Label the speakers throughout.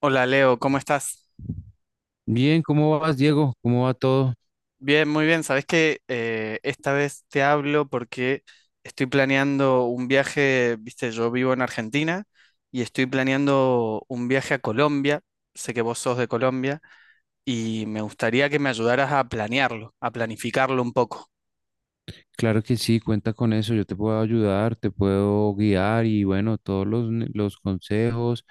Speaker 1: Hola Leo, ¿cómo estás?
Speaker 2: Bien, ¿cómo vas, Diego? ¿Cómo va todo?
Speaker 1: Bien, muy bien. Sabes que esta vez te hablo porque estoy planeando un viaje, viste, yo vivo en Argentina y estoy planeando un viaje a Colombia. Sé que vos sos de Colombia y me gustaría que me ayudaras a planearlo, a planificarlo un poco.
Speaker 2: Claro que sí, cuenta con eso. Yo te puedo ayudar, te puedo guiar y bueno, los consejos,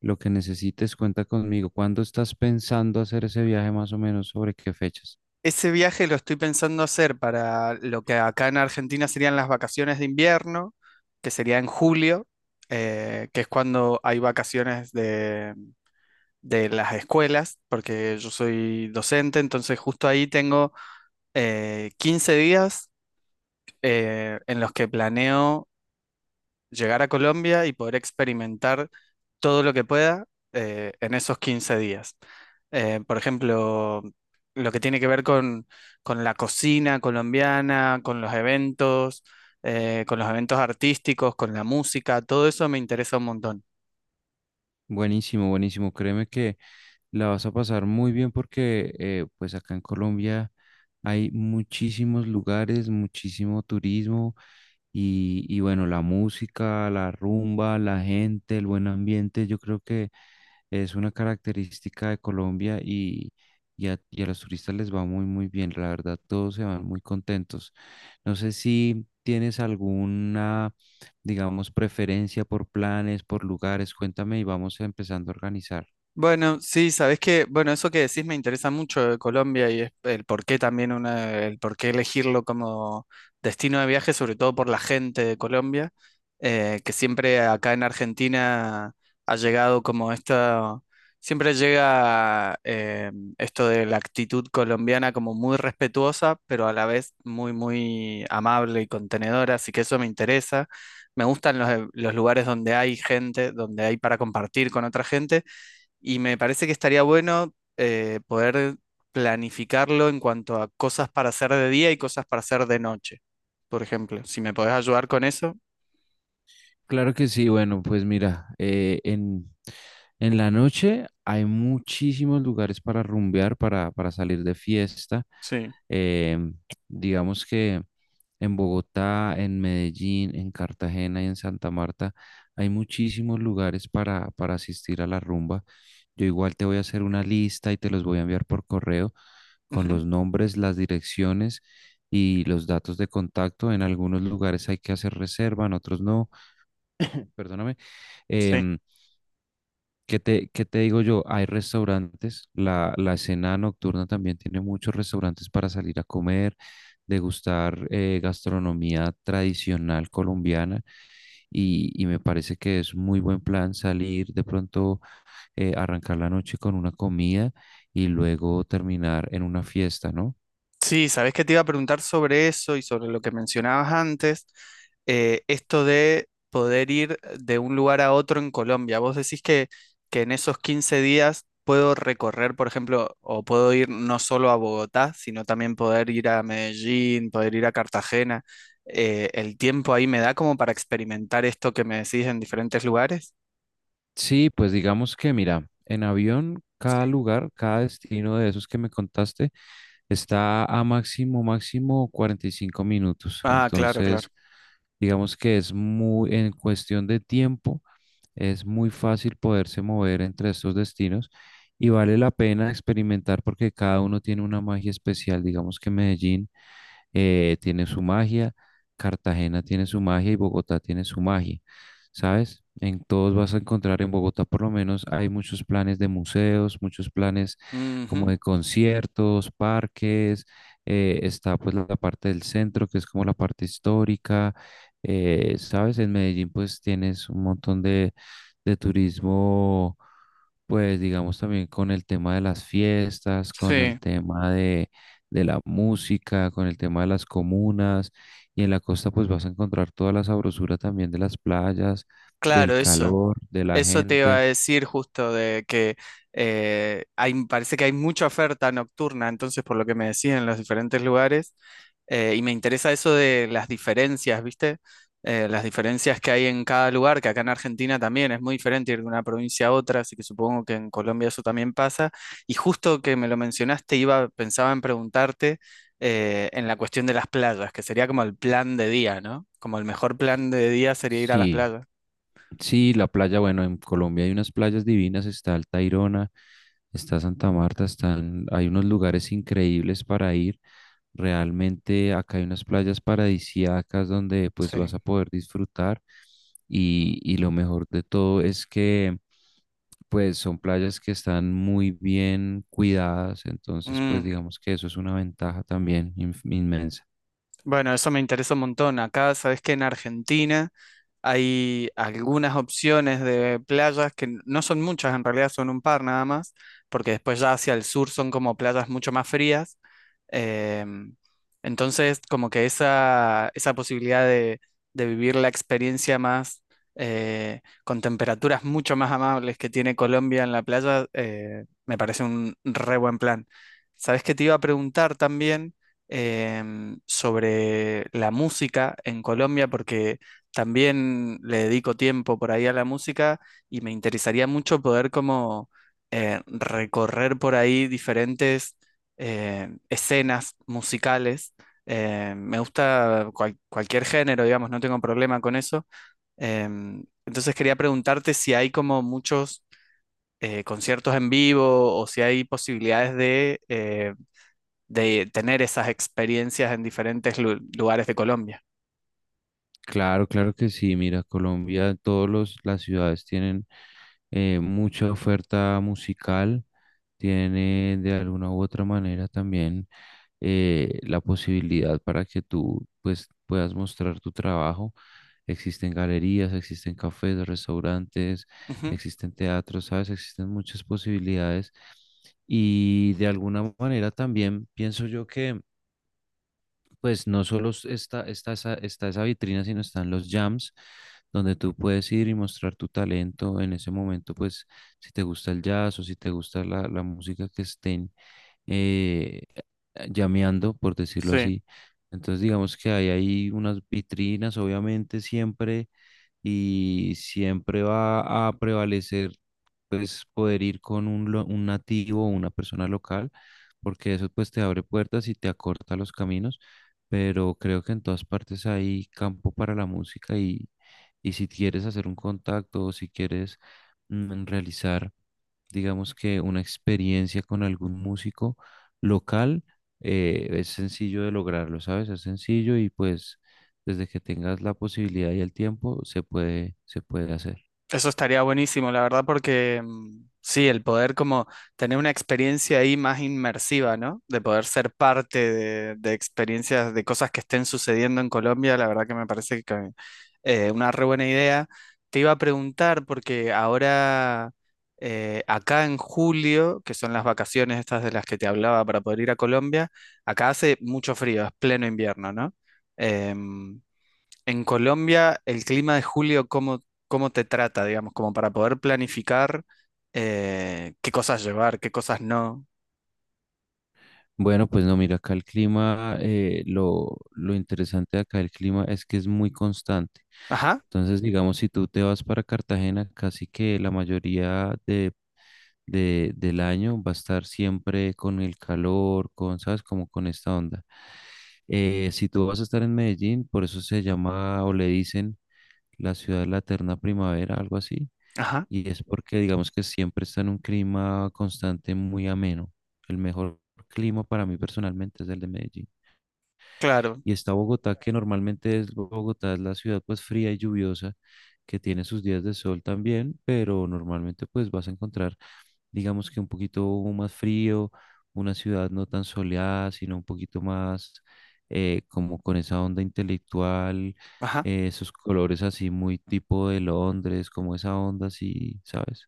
Speaker 2: lo que necesites, cuenta conmigo. ¿Cuándo estás pensando hacer ese viaje más o menos? ¿Sobre qué fechas?
Speaker 1: Ese viaje lo estoy pensando hacer para lo que acá en Argentina serían las vacaciones de invierno, que sería en julio, que es cuando hay vacaciones de las escuelas, porque yo soy docente, entonces justo ahí tengo 15 días en los que planeo llegar a Colombia y poder experimentar todo lo que pueda en esos 15 días. Por ejemplo, lo que tiene que ver con la cocina colombiana, con los eventos artísticos, con la música, todo eso me interesa un montón.
Speaker 2: Buenísimo, buenísimo. Créeme que la vas a pasar muy bien porque pues acá en Colombia hay muchísimos lugares, muchísimo turismo y bueno, la música, la rumba, la gente, el buen ambiente, yo creo que es una característica de Colombia, y a los turistas les va muy, muy bien. La verdad, todos se van muy contentos. No sé si tienes alguna, digamos, preferencia por planes, por lugares. Cuéntame y vamos empezando a organizar.
Speaker 1: Bueno, sí, sabes que, bueno, eso que decís me interesa mucho de Colombia y es el por qué también una, el por qué elegirlo como destino de viaje, sobre todo por la gente de Colombia, que siempre acá en Argentina ha llegado como esta, siempre llega esto de la actitud colombiana como muy respetuosa, pero a la vez muy, muy amable y contenedora, así que eso me interesa. Me gustan los lugares donde hay gente, donde hay para compartir con otra gente y me parece que estaría bueno poder planificarlo en cuanto a cosas para hacer de día y cosas para hacer de noche, por ejemplo. Si me podés ayudar con eso,
Speaker 2: Claro que sí, bueno, pues mira, en la noche hay muchísimos lugares para rumbear, para salir de fiesta.
Speaker 1: sí.
Speaker 2: Em, digamos que en Bogotá, en Medellín, en Cartagena y en Santa Marta hay muchísimos lugares para asistir a la rumba. Yo igual te voy a hacer una lista y te los voy a enviar por correo con
Speaker 1: Ujú.
Speaker 2: los nombres, las direcciones y los datos de contacto. En algunos lugares hay que hacer reserva, en otros no. Perdóname.
Speaker 1: Sí.
Speaker 2: Em, qué te digo yo? Hay restaurantes, la escena nocturna también tiene muchos restaurantes para salir a comer, degustar gastronomía tradicional colombiana y me parece que es muy buen plan salir de pronto, arrancar la noche con una comida y luego terminar en una fiesta, ¿no?
Speaker 1: Sí, sabes que te iba a preguntar sobre eso y sobre lo que mencionabas antes, esto de poder ir de un lugar a otro en Colombia. Vos decís que en esos 15 días puedo recorrer, por ejemplo, o puedo ir no solo a Bogotá, sino también poder ir a Medellín, poder ir a Cartagena. ¿El tiempo ahí me da como para experimentar esto que me decís en diferentes lugares?
Speaker 2: Sí, pues digamos que mira, en avión cada
Speaker 1: Sí.
Speaker 2: lugar, cada destino de esos que me contaste está a máximo, máximo 45 minutos.
Speaker 1: Ah, claro, claro.
Speaker 2: Entonces, digamos que es muy, en cuestión de tiempo, es muy fácil poderse mover entre estos destinos y vale la pena experimentar porque cada uno tiene una magia especial. Digamos que Medellín tiene su magia, Cartagena tiene su magia y Bogotá tiene su magia, ¿sabes? En todos vas a encontrar, en Bogotá, por lo menos, hay muchos planes de museos, muchos planes como
Speaker 1: Ujú.
Speaker 2: de conciertos, parques, está pues la parte del centro, que es como la parte histórica, ¿sabes? En Medellín pues tienes un montón de turismo, pues digamos también con el tema de las fiestas, con el
Speaker 1: Sí,
Speaker 2: tema de la música, con el tema de las comunas, y en la costa pues vas a encontrar toda la sabrosura también de las playas, del
Speaker 1: claro, eso.
Speaker 2: calor, de la
Speaker 1: Eso te iba a
Speaker 2: gente.
Speaker 1: decir justo de que hay, parece que hay mucha oferta nocturna, entonces por lo que me decían en los diferentes lugares, y me interesa eso de las diferencias, ¿viste? Las diferencias que hay en cada lugar, que acá en Argentina también es muy diferente ir de una provincia a otra, así que supongo que en Colombia eso también pasa. Y justo que me lo mencionaste, iba, pensaba en preguntarte en la cuestión de las playas, que sería como el plan de día, ¿no? Como el mejor plan de día sería ir a las
Speaker 2: Sí,
Speaker 1: playas.
Speaker 2: sí, la playa, bueno, en Colombia hay unas playas divinas, está el Tayrona, está Santa Marta, están, hay unos lugares increíbles para ir. Realmente acá hay unas playas paradisíacas donde pues vas
Speaker 1: Sí.
Speaker 2: a poder disfrutar y lo mejor de todo es que pues son playas que están muy bien cuidadas, entonces pues
Speaker 1: Mm.
Speaker 2: digamos que eso es una ventaja también inmensa.
Speaker 1: Bueno, eso me interesa un montón. Acá, sabes que en Argentina hay algunas opciones de playas que no son muchas, en realidad son un par nada más, porque después ya hacia el sur son como playas mucho más frías. Eh, entonces, como que esa posibilidad de vivir la experiencia más con temperaturas mucho más amables que tiene Colombia en la playa, me parece un re buen plan. Sabes que te iba a preguntar también sobre la música en Colombia, porque también le dedico tiempo por ahí a la música y me interesaría mucho poder como recorrer por ahí diferentes escenas musicales. Me gusta cualquier género, digamos, no tengo problema con eso. Entonces quería preguntarte si hay como muchos conciertos en vivo o si hay posibilidades de tener esas experiencias en diferentes lugares de Colombia.
Speaker 2: Claro, claro que sí. Mira, Colombia, todos los las ciudades tienen mucha oferta musical, tiene de alguna u otra manera también la posibilidad para que tú pues puedas mostrar tu trabajo. Existen galerías, existen cafés, restaurantes,
Speaker 1: Ujú.
Speaker 2: existen teatros, ¿sabes? Existen muchas posibilidades. Y de alguna manera también pienso yo que pues no solo está esa vitrina, sino están los jams, donde tú puedes ir y mostrar tu talento en ese momento, pues si te gusta el jazz o si te gusta la música que estén llameando, por decirlo
Speaker 1: Sí.
Speaker 2: así. Entonces digamos que hay ahí unas vitrinas, obviamente siempre y siempre va a prevalecer pues poder ir con un nativo o una persona local, porque eso pues te abre puertas y te acorta los caminos, pero creo que en todas partes hay campo para la música y si quieres hacer un contacto o si quieres realizar digamos que una experiencia con algún músico local, es sencillo de lograrlo, ¿sabes? Es sencillo y pues desde que tengas la posibilidad y el tiempo se puede hacer.
Speaker 1: Eso estaría buenísimo, la verdad, porque mm, sí, el poder como tener una experiencia ahí más inmersiva, ¿no? De poder ser parte de experiencias, de cosas que estén sucediendo en Colombia, la verdad que me parece que una re buena idea. Te iba a preguntar, porque ahora, acá en julio, que son las vacaciones estas de las que te hablaba para poder ir a Colombia, acá hace mucho frío, es pleno invierno, ¿no? Em, en Colombia, el clima de julio, ¿cómo, cómo te trata, digamos, como para poder planificar qué cosas llevar, qué cosas no?
Speaker 2: Bueno, pues no, mira, acá el clima, lo interesante de acá el clima es que es muy constante.
Speaker 1: Ajá,
Speaker 2: Entonces, digamos, si tú te vas para Cartagena, casi que la mayoría de, del año va a estar siempre con el calor, con, ¿sabes? Como con esta onda. Si tú vas a estar en Medellín, por eso se llama o le dicen la ciudad de la eterna primavera, algo así.
Speaker 1: ajá,
Speaker 2: Y es porque digamos que siempre está en un clima constante muy ameno. El mejor clima para mí personalmente es el de Medellín.
Speaker 1: claro,
Speaker 2: Y está Bogotá, que normalmente es Bogotá, es la ciudad pues fría y lluviosa, que tiene sus días de sol también, pero normalmente pues vas a encontrar digamos que un poquito más frío, una ciudad no tan soleada, sino un poquito más como con esa onda intelectual,
Speaker 1: ajá.
Speaker 2: esos colores así muy tipo de Londres, como esa onda así, ¿sabes?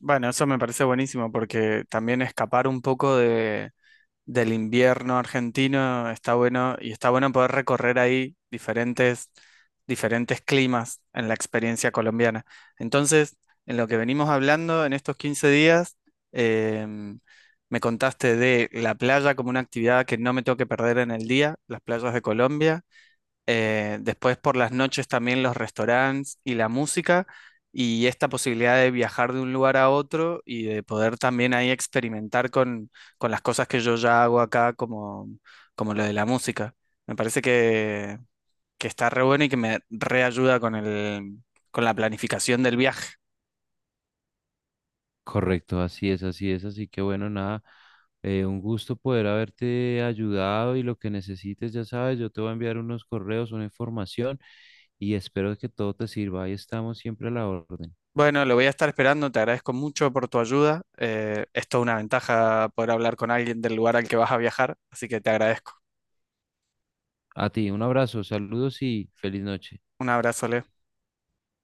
Speaker 1: Bueno, eso me parece buenísimo porque también escapar un poco del invierno argentino, está bueno y está bueno poder recorrer ahí diferentes, diferentes climas en la experiencia colombiana. Entonces, en lo que venimos hablando en estos 15 días, em, me contaste de la playa como una actividad que no me tengo que perder en el día, las playas de Colombia. Después por las noches también los restaurantes y la música y esta posibilidad de viajar de un lugar a otro y de poder también ahí experimentar con las cosas que yo ya hago acá como, como lo de la música. Me parece que está re bueno y que me reayuda con el, con la planificación del viaje.
Speaker 2: Correcto, así es, así es, así que bueno, nada, un gusto poder haberte ayudado y lo que necesites, ya sabes, yo te voy a enviar unos correos, una información y espero que todo te sirva. Ahí estamos siempre a la orden.
Speaker 1: Bueno, lo voy a estar esperando, te agradezco mucho por tu ayuda. Es toda una ventaja poder hablar con alguien del lugar al que vas a viajar, así que te agradezco.
Speaker 2: A ti, un abrazo, saludos y feliz noche.
Speaker 1: Un abrazo, Leo.